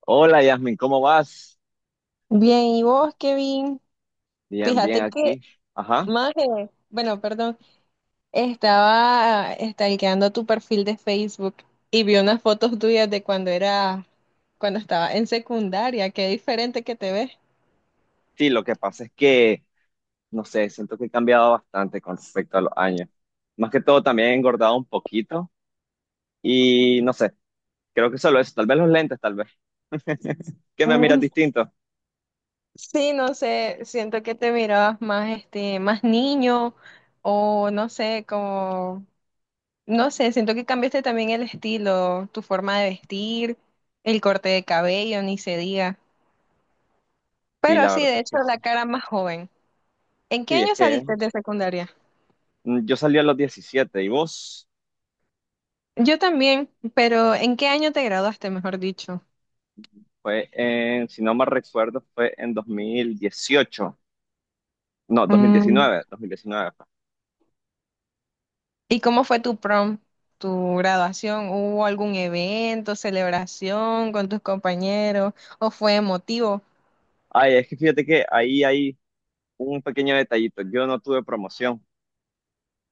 Hola Yasmin, ¿cómo vas? Bien, ¿y vos, Kevin? Bien, bien Fíjate que, aquí. Ajá. maje, bueno, perdón, estaba stalkeando tu perfil de Facebook y vi unas fotos tuyas de cuando estaba en secundaria, qué diferente que te ves. Sí, lo que pasa es que, no sé, siento que he cambiado bastante con respecto a los años. Más que todo, también he engordado un poquito y no sé, creo que solo eso, tal vez los lentes, tal vez, que me miras Mm, distinto. sí, no sé, siento que te mirabas más, este, más niño o no sé, como, no sé, siento que cambiaste también el estilo, tu forma de vestir, el corte de cabello, ni se diga. Y Pero la sí, verdad de es hecho, que sí. la cara más joven. ¿En qué Sí, es año que saliste de secundaria? Yo salí a los 17 y vos Yo también, pero ¿en qué año te graduaste, mejor dicho? fue en, si no mal recuerdo, fue en dos mil dieciocho. No, 2019, Mm, 2019 fue. ¿y cómo fue tu graduación? ¿Hubo algún evento, celebración con tus compañeros o fue emotivo? Ay, es que fíjate que ahí hay un pequeño detallito. Yo no tuve promoción.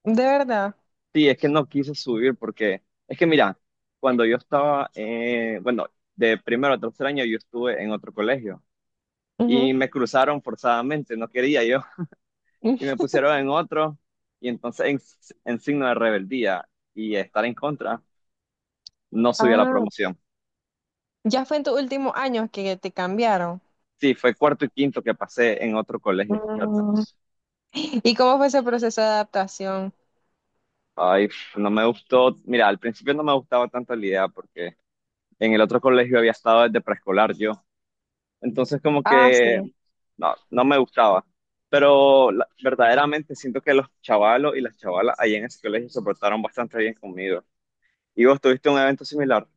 ¿De verdad? Sí, es que no quise subir porque es que mira, cuando yo estaba, bueno, de primero a tercer año yo estuve en otro colegio Ujú. y me cruzaron forzadamente, no quería yo, y me pusieron en otro y entonces en signo de rebeldía y estar en contra, no subí a la Ah, promoción. ya fue en tus últimos años que te cambiaron. Sí, fue cuarto y quinto que pasé en otro colegio, fíjate. Mm, ¿y cómo fue ese proceso de adaptación? Ay, no me gustó, mira, al principio no me gustaba tanto la idea porque en el otro colegio había estado desde preescolar yo. Entonces como Ah, que sí. no me gustaba. Pero verdaderamente siento que los chavalos y las chavalas ahí en ese colegio se portaron bastante bien conmigo. ¿Y vos tuviste un evento similar?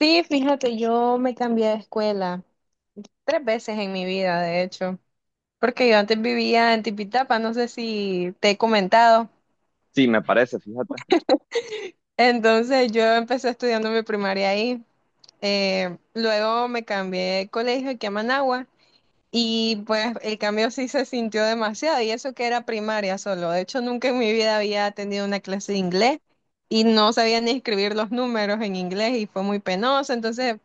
Sí, fíjate, yo me cambié de escuela tres veces en mi vida, de hecho, porque yo antes vivía en Tipitapa, no sé si te he comentado. Sí, me parece, fíjate. Entonces yo empecé estudiando mi primaria ahí. Luego me cambié de colegio aquí a Managua y pues el cambio sí se sintió demasiado, y eso que era primaria solo. De hecho, nunca en mi vida había tenido una clase de inglés y no sabía ni escribir los números en inglés y fue muy penoso. Entonces,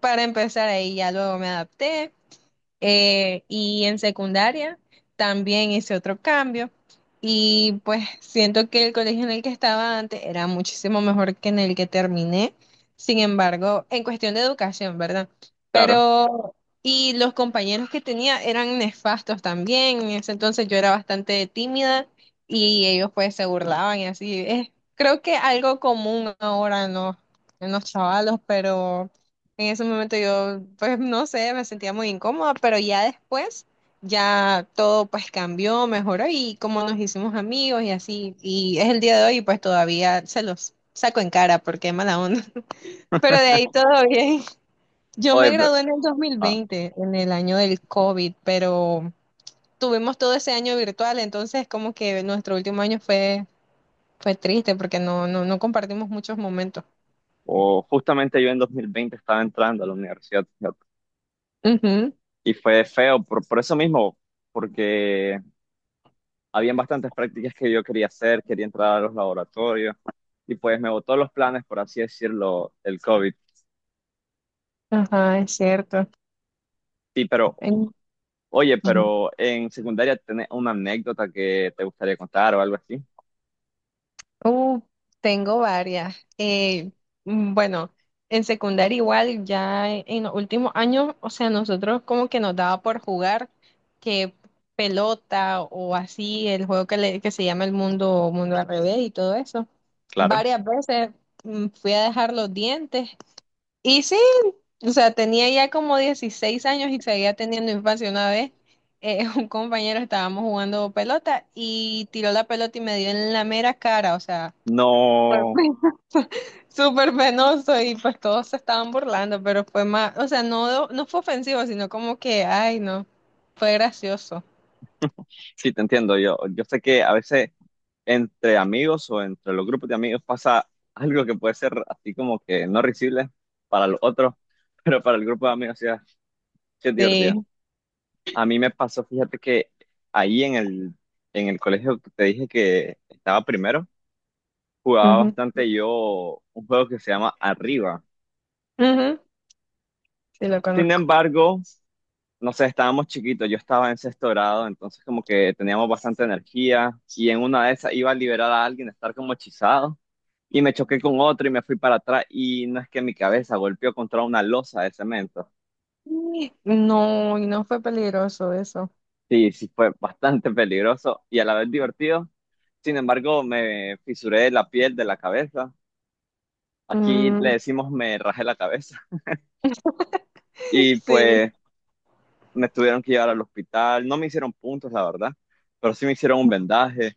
para empezar ahí, ya luego me adapté. Y en secundaria también hice otro cambio. Y pues siento que el colegio en el que estaba antes era muchísimo mejor que en el que terminé, sin embargo, en cuestión de educación, ¿verdad? Claro. Pero y los compañeros que tenía eran nefastos también. En ese entonces yo era bastante tímida y ellos pues se burlaban y así. Es, creo que algo común ahora en en los chavalos, pero en ese momento yo, pues no sé, me sentía muy incómoda, pero ya después, ya todo pues cambió, mejoró y como nos hicimos amigos y así, y es el día de hoy, y pues todavía se los saco en cara porque mala onda. Pero de ahí todo bien. Yo me Oye, gradué en el dos mil ah, veinte en el año del COVID, pero tuvimos todo ese año virtual, entonces como que nuestro último año fue triste porque no compartimos muchos momentos. o justamente yo en 2020 estaba entrando a la universidad, fíjate. Ujú, Y fue feo por eso mismo, porque habían bastantes prácticas que yo quería hacer, quería entrar a los laboratorios, y pues me botó los planes, por así decirlo, el COVID. ajá, es cierto. Sí, pero En- oye, Ujú. pero en secundaria tenés una anécdota que te gustaría contar o algo así. Uh, tengo varias. Bueno, en secundaria igual, ya en los últimos años, o sea, nosotros como que nos daba por jugar que pelota o así, el juego que, que se llama El Mundo, Mundo al revés y todo eso. Claro. Varias veces fui a dejar los dientes y sí, o sea, tenía ya como 16 años y seguía teniendo infancia una vez. Un compañero, estábamos jugando pelota y tiró la pelota y me dio en la mera cara, o sea, No, súper penoso y pues todos se estaban burlando, pero fue más, o sea, no fue ofensivo, sino como que, ay, no, fue gracioso. sí, te entiendo. Yo sé que a veces entre amigos o entre los grupos de amigos pasa algo que puede ser así como que no risible para los otros, pero para el grupo de amigos sí es divertido. Sí, A mí me pasó, fíjate que ahí en en el colegio que te dije que estaba primero, jugaba ujú, bastante yo un juego que se llama Arriba. ujú, sí lo Sin conozco. embargo, no sé, estábamos chiquitos, yo estaba en sexto grado, entonces como que teníamos bastante energía y en una de esas iba a liberar a alguien, a estar como hechizado y me choqué con otro y me fui para atrás y no es que mi cabeza golpeó contra una losa de cemento. ¿Y no, y no fue peligroso eso? Sí, fue bastante peligroso y a la vez divertido. Sin embargo, me fisuré la piel de la cabeza. Aquí Mm, le decimos me rajé la cabeza y sí, pues me tuvieron que llevar al hospital. No me hicieron puntos, la verdad, pero sí me hicieron un vendaje.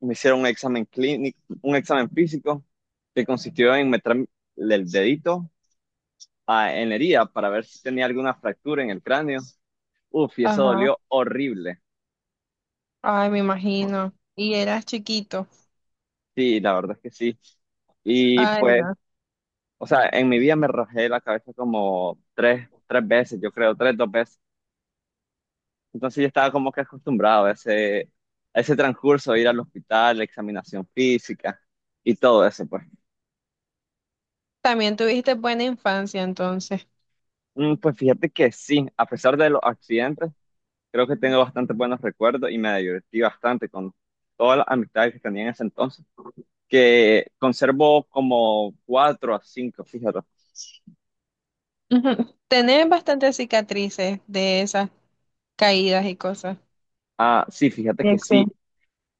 Me hicieron un examen clínico, un examen físico que consistió en meter el dedito en la herida para ver si tenía alguna fractura en el cráneo. Uf, y eso ajá, dolió horrible. ay, me imagino. Y eras chiquito. Sí, la verdad es que sí. Y Ay, pues, no. o sea, en mi vida me rajé la cabeza como tres veces, yo creo, tres, dos veces. Entonces yo estaba como que acostumbrado a a ese transcurso, ir al hospital, examinación física y todo eso, pues. También tuviste buena infancia entonces. Mm, pues fíjate que sí, a pesar de los accidentes, creo que tengo bastante buenos recuerdos y me divertí bastante con todas las amistades que tenía en ese entonces, que conservo como cuatro a cinco, fíjate. Ujú. Tenés bastantes cicatrices de esas caídas y cosas. Ah, sí, fíjate Sí, que sí,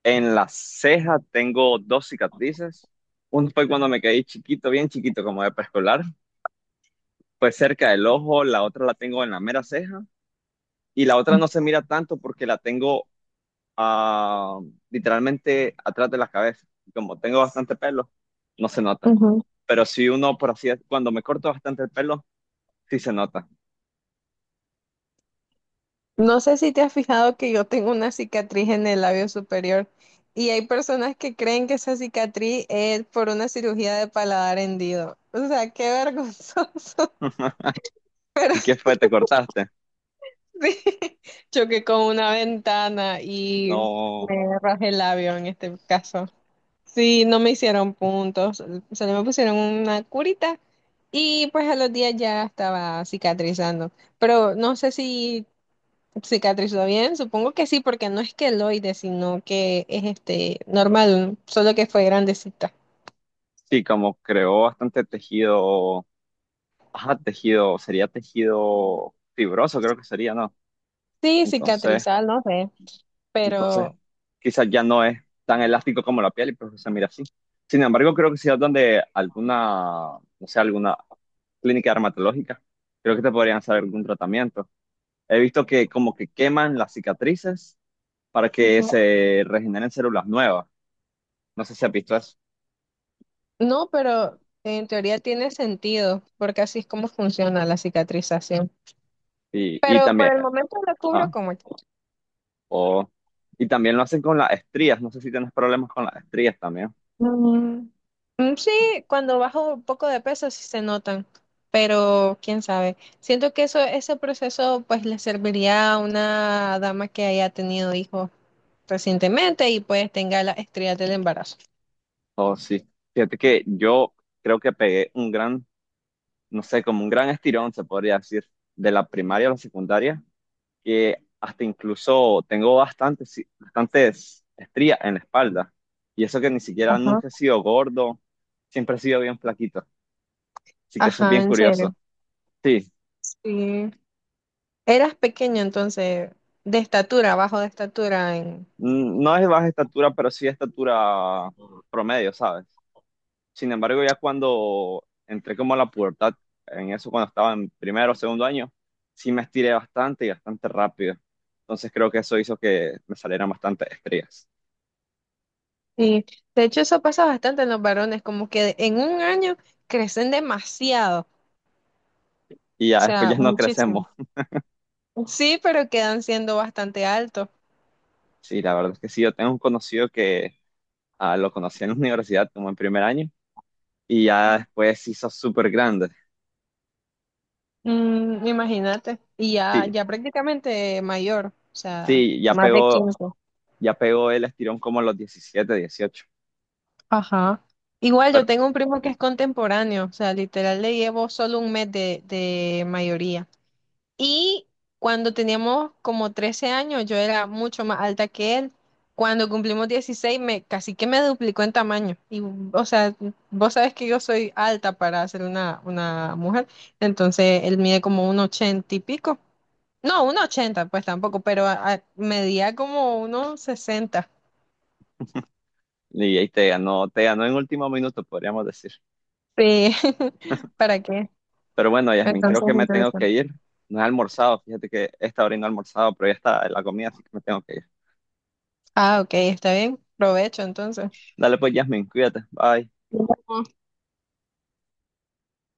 en la ceja tengo dos cicatrices. Una fue cuando me caí chiquito, bien chiquito, como de preescolar, pues cerca del ojo, la otra la tengo en la mera ceja y la otra sí. no se mira tanto porque la tengo ah, literalmente atrás de la cabeza. Y como tengo bastante pelo, no se nota. Pero si uno, por así, decirlo, cuando me corto bastante el pelo, sí se nota. No sé si te has fijado que yo tengo una cicatriz en el labio superior y hay personas que creen que esa cicatriz es por una cirugía de paladar hendido. O sea, qué vergonzoso. ¿Y qué fue? ¿Te cortaste? Sí. Choqué con una ventana y No, me rajé el labio en este caso. Sí, no me hicieron puntos, solo me pusieron una curita y pues a los días ya estaba cicatrizando. Pero no sé si ¿cicatrizó bien? Supongo que sí, porque no es queloide, sino que es este normal, solo que fue grandecita. sí, como creó bastante tejido, ajá, tejido, sería tejido fibroso, creo que sería, ¿no? Sí, Entonces, cicatrizar, no sé, entonces, pero quizás ya no es tan elástico como la piel y pues se mira así. Sin embargo, creo que sí es donde alguna, no sé, alguna, clínica dermatológica. Creo que te podrían hacer algún tratamiento. He visto que como que queman las cicatrices para que no, se regeneren células nuevas. No sé si has visto eso. no, pero en teoría tiene sentido, porque así es como funciona la cicatrización. Y Pero por también, el momento lo cubro ah, como... que- o, y también lo hacen con las estrías. No sé si tienes problemas con las estrías también. Mm, mm, sí, cuando bajo un poco de peso sí se notan, pero quién sabe. Siento que eso, ese proceso pues le serviría a una dama que haya tenido hijos recientemente y pues tenga las estrías del embarazo. O sí. Fíjate que yo creo que pegué un no sé, como un gran estirón, se podría decir, de la primaria a la secundaria que hasta incluso tengo bastantes estrías en la espalda. Y eso que ni siquiera Ajá. nunca he sido gordo, siempre he sido bien flaquito. Así que eso es Ajá, bien ¿en curioso. serio? Sí, Sí. Eras pequeño entonces, de estatura, bajo de estatura en... no es baja estatura, pero sí estatura promedio, ¿sabes? Sin embargo, ya cuando entré como a la pubertad, en eso cuando estaba en primero o segundo año, sí me estiré bastante y bastante rápido. Entonces creo que eso hizo que me salieran bastantes estrías. Sí. De hecho, eso pasa bastante en los varones, como que en un año crecen demasiado. Y O ya después sea, ya no muchísimo. crecemos. Sí, pero quedan siendo bastante altos. Sí, la verdad es que sí, yo tengo un conocido que lo conocí en la universidad como en primer año y ya después se hizo súper grande. Mm, imagínate. Y ya, Sí, ya prácticamente mayor. O sea, sí, más de 15. ya pegó el estirón como a los 17, 18. Ajá. Igual Pero, yo tengo un primo que es contemporáneo, o sea, literal le llevo solo un mes de mayoría. Y cuando teníamos como 13 años, yo era mucho más alta que él. Cuando cumplimos 16, me, casi que me duplicó en tamaño. Y, o sea, vos sabes que yo soy alta para ser una mujer, entonces él mide como un 80 y pico. No, un 80 pues tampoco, pero medía como unos 60. y ahí te ganó, en último minuto, podríamos decir. Sí, ¿para qué? Pero bueno, Yasmin, creo Entonces, que me tengo que interesante. ir. No he almorzado, fíjate que esta hora y no he almorzado, pero ya está la comida, así que me tengo que ir. Ah, ok, está bien. Provecho entonces. Dale pues, Yasmin, cuídate, bye. Ujú.